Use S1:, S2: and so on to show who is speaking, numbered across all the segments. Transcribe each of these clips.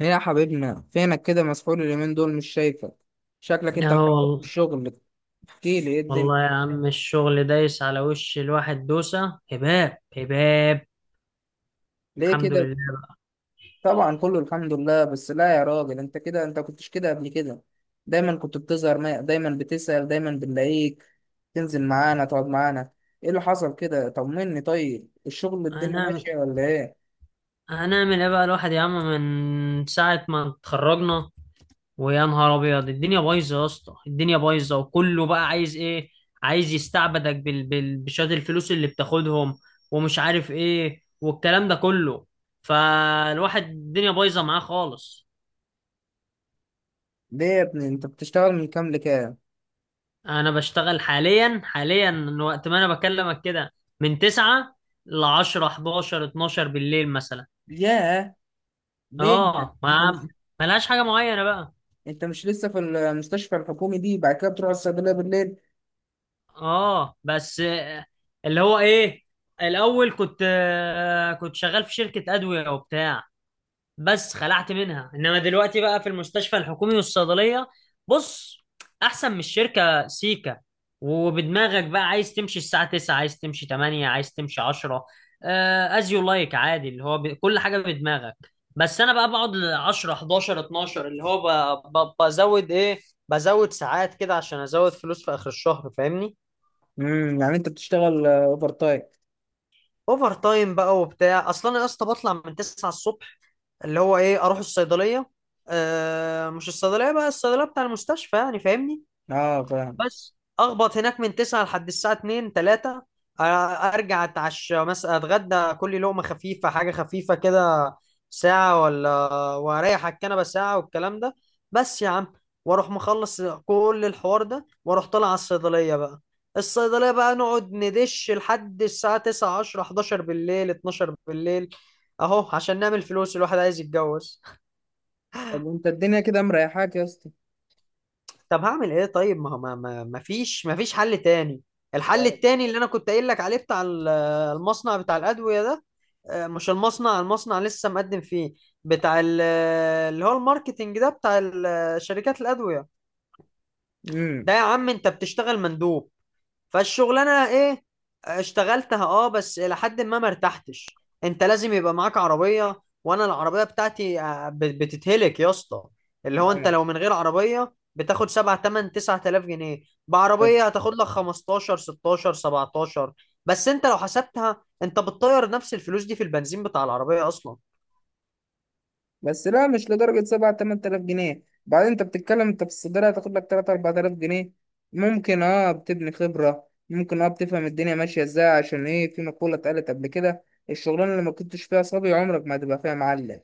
S1: ايه يا حبيبنا فينك كده؟ مسحول اليومين دول، مش شايفك.
S2: اه
S1: شكلك انت مسحول في
S2: والله.
S1: الشغل. احكي لي ايه الدنيا؟
S2: والله يا عم، الشغل دايس على وش الواحد دوسة هباب هباب.
S1: ليه
S2: الحمد
S1: كده؟
S2: لله بقى.
S1: طبعا كله الحمد لله، بس لا يا راجل، انت كده انت كنتش كده قبل كده. دايما كنت بتظهر ما... دايما بتسأل، دايما بنلاقيك تنزل معانا، تقعد معانا. ايه اللي حصل كده؟ طمني، طيب الشغل الدنيا
S2: هنعمل
S1: ماشية ولا ايه؟
S2: هنعمل ايه بقى الواحد يا عم، من ساعة ما اتخرجنا، ويا نهار ابيض الدنيا بايظة يا اسطى، الدنيا بايظة وكله بقى عايز ايه؟ عايز يستعبدك بشوية الفلوس اللي بتاخدهم ومش عارف ايه والكلام ده كله. فالواحد الدنيا بايظة معاه خالص.
S1: ليه يا ابني انت بتشتغل من كام لكام؟
S2: انا بشتغل حاليا من وقت ما انا بكلمك كده، من 9 ل 10 11 12 بالليل مثلا.
S1: ياه، ليه انت؟
S2: اه
S1: انت مش
S2: ما ملهاش حاجه معينه بقى.
S1: انت مش لسه في المستشفى الحكومي دي؟ بعد كده بتروح الصيدلية بالليل؟
S2: اه بس اللي هو ايه، الاول كنت شغال في شركه ادويه وبتاع، بس خلعت منها. انما دلوقتي بقى في المستشفى الحكومي والصيدليه. بص، احسن من الشركه سيكا. وبدماغك بقى عايز تمشي الساعه 9، عايز تمشي 8، عايز تمشي 10، از يو لايك، عادي، اللي هو كل حاجه بدماغك. بس انا بقى بقعد ل 10 11 12، اللي هو بزود ايه، بزود ساعات كده عشان ازود فلوس في اخر الشهر، فاهمني.
S1: يعني انت بتشتغل اوفر تايم؟
S2: اوفر تايم بقى وبتاع. اصلا انا يا اسطى بطلع من 9 الصبح، اللي هو ايه، اروح الصيدليه. آه، مش الصيدليه بقى، الصيدليه بتاع المستشفى، يعني فاهمني.
S1: اه فاهم.
S2: بس اخبط هناك من 9 لحد الساعه 2 3، ارجع اتعشى مثلا اتغدى، كل لقمه خفيفه، حاجه خفيفه كده، ساعه، ولا واريح على الكنبه ساعه والكلام ده. بس يا عم، واروح مخلص كل الحوار ده واروح طالع على الصيدليه بقى. الصيدليه بقى نقعد ندش لحد الساعه 9 10 11 بالليل 12 بالليل، اهو عشان نعمل فلوس، الواحد عايز يتجوز.
S1: طب وانت الدنيا كده مريحاك يا اسطى؟
S2: طب هعمل ايه؟ طيب، ما هو ما فيش حل تاني. الحل التاني اللي انا كنت قايل لك عليه، بتاع المصنع بتاع الادويه ده. مش المصنع لسه مقدم فيه. بتاع اللي هو الماركتينج ده، بتاع شركات الادويه ده.
S1: امم
S2: يا عم انت بتشتغل مندوب، فالشغلانه ايه؟ اشتغلتها اه، بس الى حد ما ارتحتش. انت لازم يبقى معاك عربيه، وانا العربيه بتاعتي بتتهلك يا اسطى. اللي هو انت
S1: معاك؟
S2: لو من غير عربيه بتاخد 7 8 9000 جنيه، بعربيه هتاخد لك 15 16 17. بس انت لو حسبتها، انت بتطير نفس الفلوس دي في البنزين بتاع العربيه اصلا.
S1: بس لا، مش لدرجة سبعة تمن تلاف جنيه. بعدين انت بتتكلم، انت في الصيدلية هتاخد لك تلات أربعة تلاف جنيه. ممكن اه بتبني خبرة، ممكن اه بتفهم الدنيا ماشية ازاي. عشان ايه؟ في مقولة اتقالت قبل كده: الشغلانة اللي ما كنتش فيها صبي، عمرك ما هتبقى فيها معلم.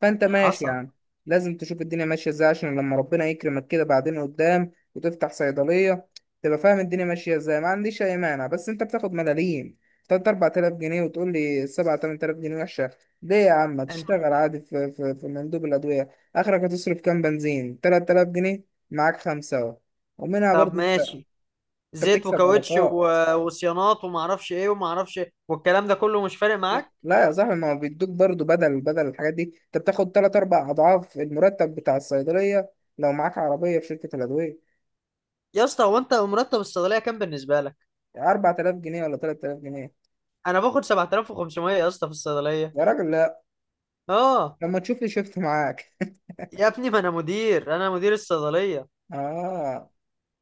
S1: فانت ماشي
S2: حصل.
S1: يعني، لازم تشوف الدنيا ماشية ازاي عشان لما ربنا يكرمك كده بعدين قدام وتفتح صيدلية، تبقى فاهم الدنيا ماشية ازاي. ما عنديش أي مانع، بس انت بتاخد ملاليم. تلات أربعة تلاف جنيه وتقول لي سبعة تمن تلاف جنيه وحشة؟ ليه يا عم ما
S2: انت،
S1: تشتغل عادي في مندوب الأدوية. آخرك هتصرف كام بنزين؟ 3000 جنيه. معاك خمسة أهو، ومنها
S2: طب
S1: برضه أنت.
S2: ماشي،
S1: أنت
S2: زيت
S1: بتكسب
S2: وكاوتش
S1: علاقات.
S2: وصيانات وما اعرفش ايه وما اعرفش إيه، والكلام ده كله مش فارق
S1: لا
S2: معاك.
S1: لا يا صاحبي، ما هو بيدوك برضه بدل الحاجات دي. أنت بتاخد تلات أربع أضعاف المرتب بتاع الصيدلية لو معاك عربية في شركة الأدوية.
S2: يا اسطى، هو انت مرتب الصيدليه كام بالنسبه لك؟
S1: 4000 جنيه ولا 3000 جنيه؟
S2: انا باخد 7500 يا اسطى في الصيدليه.
S1: يا راجل لا.
S2: اه.
S1: لما تشوف لي شفت معاك.
S2: يا ابني ما انا مدير، انا مدير الصيدليه.
S1: آه،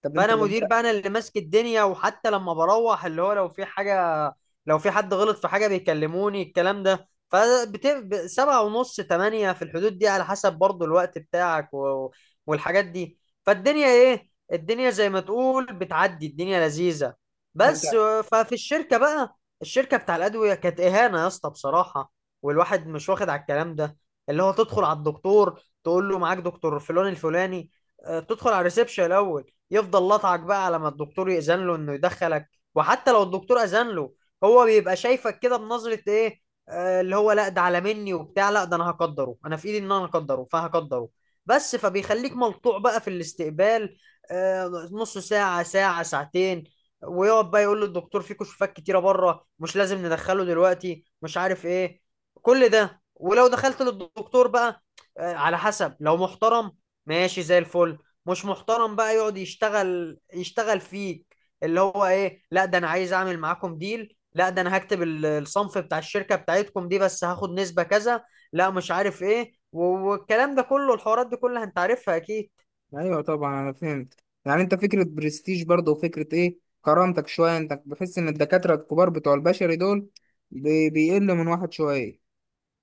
S1: طب أنت
S2: فانا
S1: ده أنت
S2: مدير بقى، انا اللي ماسك الدنيا، وحتى لما بروح اللي هو لو في حاجه، لو في حد غلط في حاجه بيكلموني الكلام ده، سبعة ونص، تمانية، في الحدود دي، على حسب برضو الوقت بتاعك والحاجات دي. فالدنيا ايه، الدنيا زي ما تقول بتعدي، الدنيا لذيذة.
S1: ده
S2: بس
S1: أنت.
S2: ففي الشركة بقى، الشركة بتاع الأدوية كانت إهانة يا اسطى بصراحة، والواحد مش واخد على الكلام ده. اللي هو تدخل على الدكتور، تقول له معاك دكتور فلان الفلاني، تدخل على الريسبشن الأول، يفضل لطعك بقى على ما الدكتور يأذن له انه يدخلك. وحتى لو الدكتور أذن له، هو بيبقى شايفك كده بنظرة ايه، اللي هو لا ده على مني وبتاع، لا ده انا هقدره، انا في ايدي ان انا اقدره فهقدره. بس فبيخليك ملطوع بقى في الاستقبال، نص ساعة، ساعة، ساعتين، ويقعد بقى يقول للدكتور في كشوفات كتيرة بره، مش لازم ندخله دلوقتي، مش عارف ايه. كل ده. ولو دخلت للدكتور بقى، على حسب، لو محترم ماشي زي الفل، مش محترم بقى يقعد يشتغل فيك، اللي هو ايه، لا ده انا عايز اعمل معاكم ديل، لا ده انا هكتب الصنف بتاع الشركة بتاعتكم دي، بس هاخد نسبة كذا. لا مش عارف ايه والكلام ده كله، الحوارات دي كلها انت عارفها اكيد.
S1: ايوه طبعا انا فهمت. يعني انت فكره برستيج برضه، وفكره ايه، كرامتك شويه. انت بحس ان الدكاتره الكبار بتوع البشري دول بيقل من واحد شويه.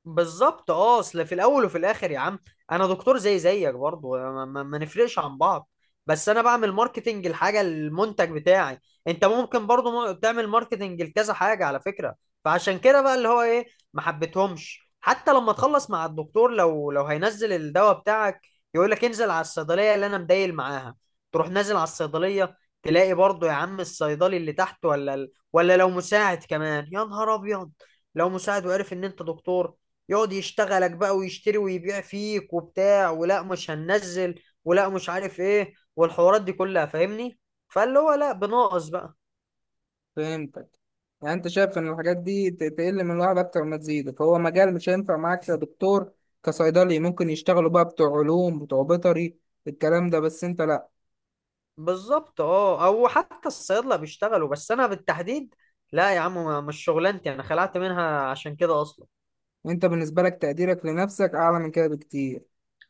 S2: بالظبط اه، اصل في الاول وفي الاخر يا عم، انا دكتور زي زيك برضه، ما نفرقش عن بعض. بس انا بعمل ماركتنج الحاجه، المنتج بتاعي. انت ممكن برضه تعمل ماركتنج لكذا حاجه على فكره. فعشان كده بقى، اللي هو ايه، ما حبيتهمش. حتى لما تخلص مع الدكتور، لو هينزل الدواء بتاعك، يقول لك انزل على الصيدليه اللي انا مدايل معاها. تروح نازل على الصيدليه، تلاقي برضه يا عم الصيدلي اللي تحت، ولا ولا لو مساعد كمان، يا نهار ابيض، لو مساعد وعرف ان انت دكتور، يقعد يشتغلك بقى، ويشتري ويبيع فيك وبتاع، ولا مش هننزل، ولا مش عارف ايه، والحوارات دي كلها، فاهمني. فاللي هو لا، بناقص بقى.
S1: فهمتك. يعني انت شايف ان الحاجات دي تقل من الواحد اكتر ما تزيد، فهو مجال مش هينفع معاك كدكتور. كصيدلي ممكن يشتغلوا بقى بتوع علوم بتوع بيطري الكلام ده، بس انت لا.
S2: بالظبط اه، او حتى الصيادله بيشتغلوا، بس انا بالتحديد لا يا عم، مش شغلانتي، انا خلعت منها عشان كده اصلا.
S1: انت بالنسبه لك تقديرك لنفسك اعلى من كده بكتير.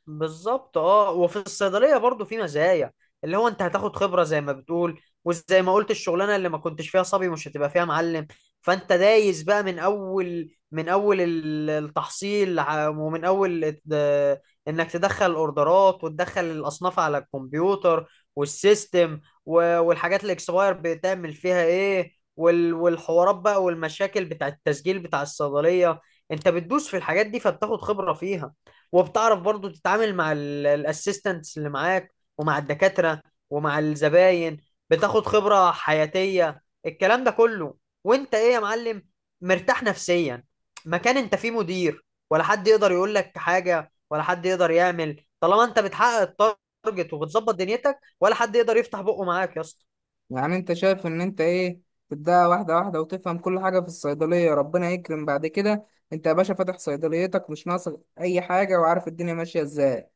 S2: بالظبط اه، وفي الصيدليه برضو في مزايا، اللي هو انت هتاخد خبره زي ما بتقول، وزي ما قلت الشغلانه اللي ما كنتش فيها صبي مش هتبقى فيها معلم. فانت دايس بقى من اول، من اول التحصيل، ومن اول انك تدخل الاوردرات وتدخل الاصناف على الكمبيوتر والسيستم، والحاجات الاكسباير بتعمل فيها ايه، والحوارات بقى والمشاكل بتاع التسجيل بتاع الصيدليه. انت بتدوس في الحاجات دي فبتاخد خبره فيها، وبتعرف برضو تتعامل مع الاسيستنتس اللي معاك، ومع الدكاترة، ومع الزباين. بتاخد خبرة حياتية الكلام ده كله. وانت ايه يا معلم، مرتاح نفسيا، مكان انت فيه مدير، ولا حد يقدر يقول لك حاجة ولا حد يقدر يعمل، طالما انت بتحقق التارجت وبتظبط دنيتك، ولا حد يقدر يفتح بقه معاك يا اسطى.
S1: يعني انت شايف ان انت ايه؟ تبدأ واحدة واحدة وتفهم كل حاجة في الصيدلية، ربنا يكرم بعد كده انت يا باشا فاتح صيدليتك مش ناقصك اي حاجة وعارف الدنيا ماشية ازاي.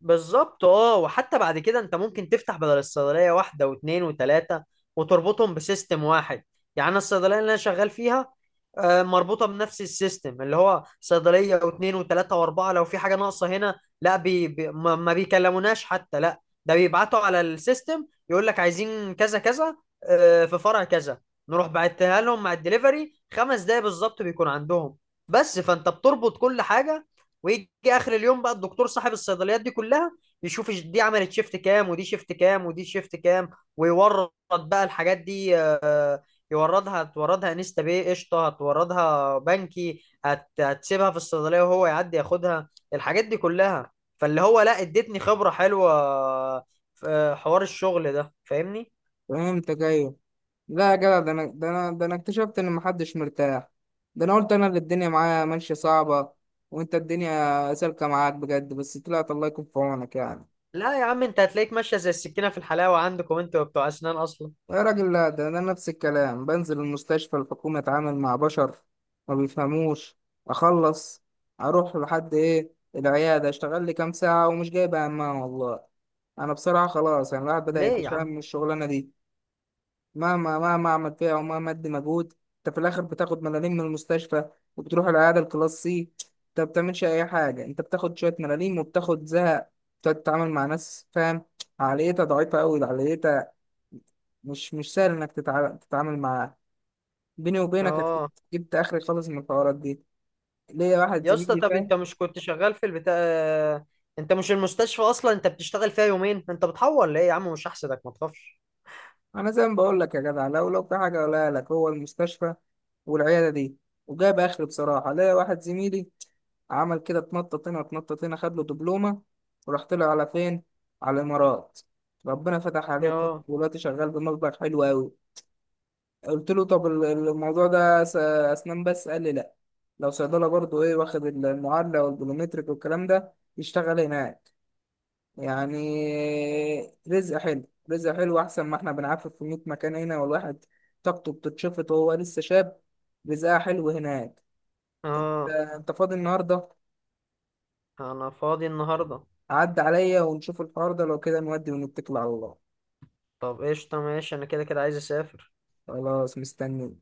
S2: بالظبط اه، وحتى بعد كده انت ممكن تفتح بدل الصيدليه واحده واثنين وثلاثه، وتربطهم بسيستم واحد. يعني انا الصيدليه اللي انا شغال فيها مربوطه بنفس السيستم، اللي هو صيدليه واثنين وثلاثه واربعه. لو في حاجه ناقصه هنا، لا بي بي، ما بيكلموناش حتى، لا ده بيبعتوا على السيستم، يقول لك عايزين كذا كذا، في فرع كذا، نروح بعتها لهم مع الدليفري، خمس دقايق بالظبط بيكون عندهم. بس فانت بتربط كل حاجه. ويجي اخر اليوم بقى الدكتور صاحب الصيدليات دي كلها، يشوف دي عملت شيفت كام، ودي شيفت كام، ودي شيفت كام، ويورد بقى الحاجات دي، يوردها، هتوردها انستا باي قشطه، هتوردها بنكي، هتسيبها في الصيدليه وهو يعدي ياخدها الحاجات دي كلها. فاللي هو لا، ادتني خبره حلوه في حوار الشغل ده، فاهمني.
S1: فهمتك، ايوه. لا يا جدع، ده انا اكتشفت ان محدش مرتاح. ده انا قلت انا اللي الدنيا معايا ماشية صعبة، وانت الدنيا سالكة معاك بجد. بس طلعت الله يكون في عونك يعني.
S2: لا يا عم انت هتلاقيك ماشيه زي السكينه في الحلاوه، عندكم انتوا بتوع اسنان اصلا.
S1: يا راجل لا، ده أنا نفس الكلام، بنزل المستشفى الحكومة أتعامل مع بشر ما بيفهموش، أخلص أروح لحد إيه العيادة، أشتغل لي كام ساعة، ومش جايب همها والله. أنا بصراحة خلاص يعني الواحد بدأ
S2: ليه يا
S1: يتشائم
S2: عم؟
S1: من الشغلانة دي. مهما أعمل فيها ومهما أدي مجهود، أنت في الآخر بتاخد ملاليم من المستشفى، وبتروح العيادة الكلاس سي. أنت ما بتعملش أي حاجة، أنت بتاخد شوية ملاليم وبتاخد زهق. بتقعد تتعامل مع ناس فاهم عقليتها ضعيفة أوي. عقليتها مش سهل انك تتعامل معاه. بيني وبينك جبت،
S2: اه.
S1: اخري خالص من الحوارات دي. ليا واحد
S2: يا اسطى
S1: زميلي
S2: طب انت
S1: فاهم.
S2: مش كنت شغال في البتاع، انت مش المستشفى اصلا انت بتشتغل فيها يومين، انت بتحور ليه يا عم، مش هحسدك ما تخافش.
S1: انا زي ما بقول لك يا جدع، لو في حاجه اقولها لك، هو المستشفى والعياده دي وجاب اخري بصراحه. ليا واحد زميلي عمل كده، اتنطط هنا اتنطط هنا، خد له دبلومه وراح طلع على فين؟ على الامارات. ربنا فتح عليه
S2: اه.
S1: ودلوقتي شغال بمبلغ حلو قوي. قلت له طب الموضوع ده اسنان؟ بس قال لي لا، لو صيدله برضو ايه، واخد المعادله والبلومتريك والكلام ده يشتغل هناك يعني. رزق حلو. رزق حلو احسن ما احنا بنعفف في 100 مكان هنا، والواحد طاقته بتتشفط وهو لسه شاب. رزقها حلو هناك. انت،
S2: اه
S1: أنت فاضي النهارده؟
S2: انا فاضي النهارده.
S1: عدى عليا ونشوف الحوار ده، لو كده نودي ونتكل على الله.
S2: طب قشطه ماشي، انا كده كده عايز اسافر.
S1: خلاص، مستني.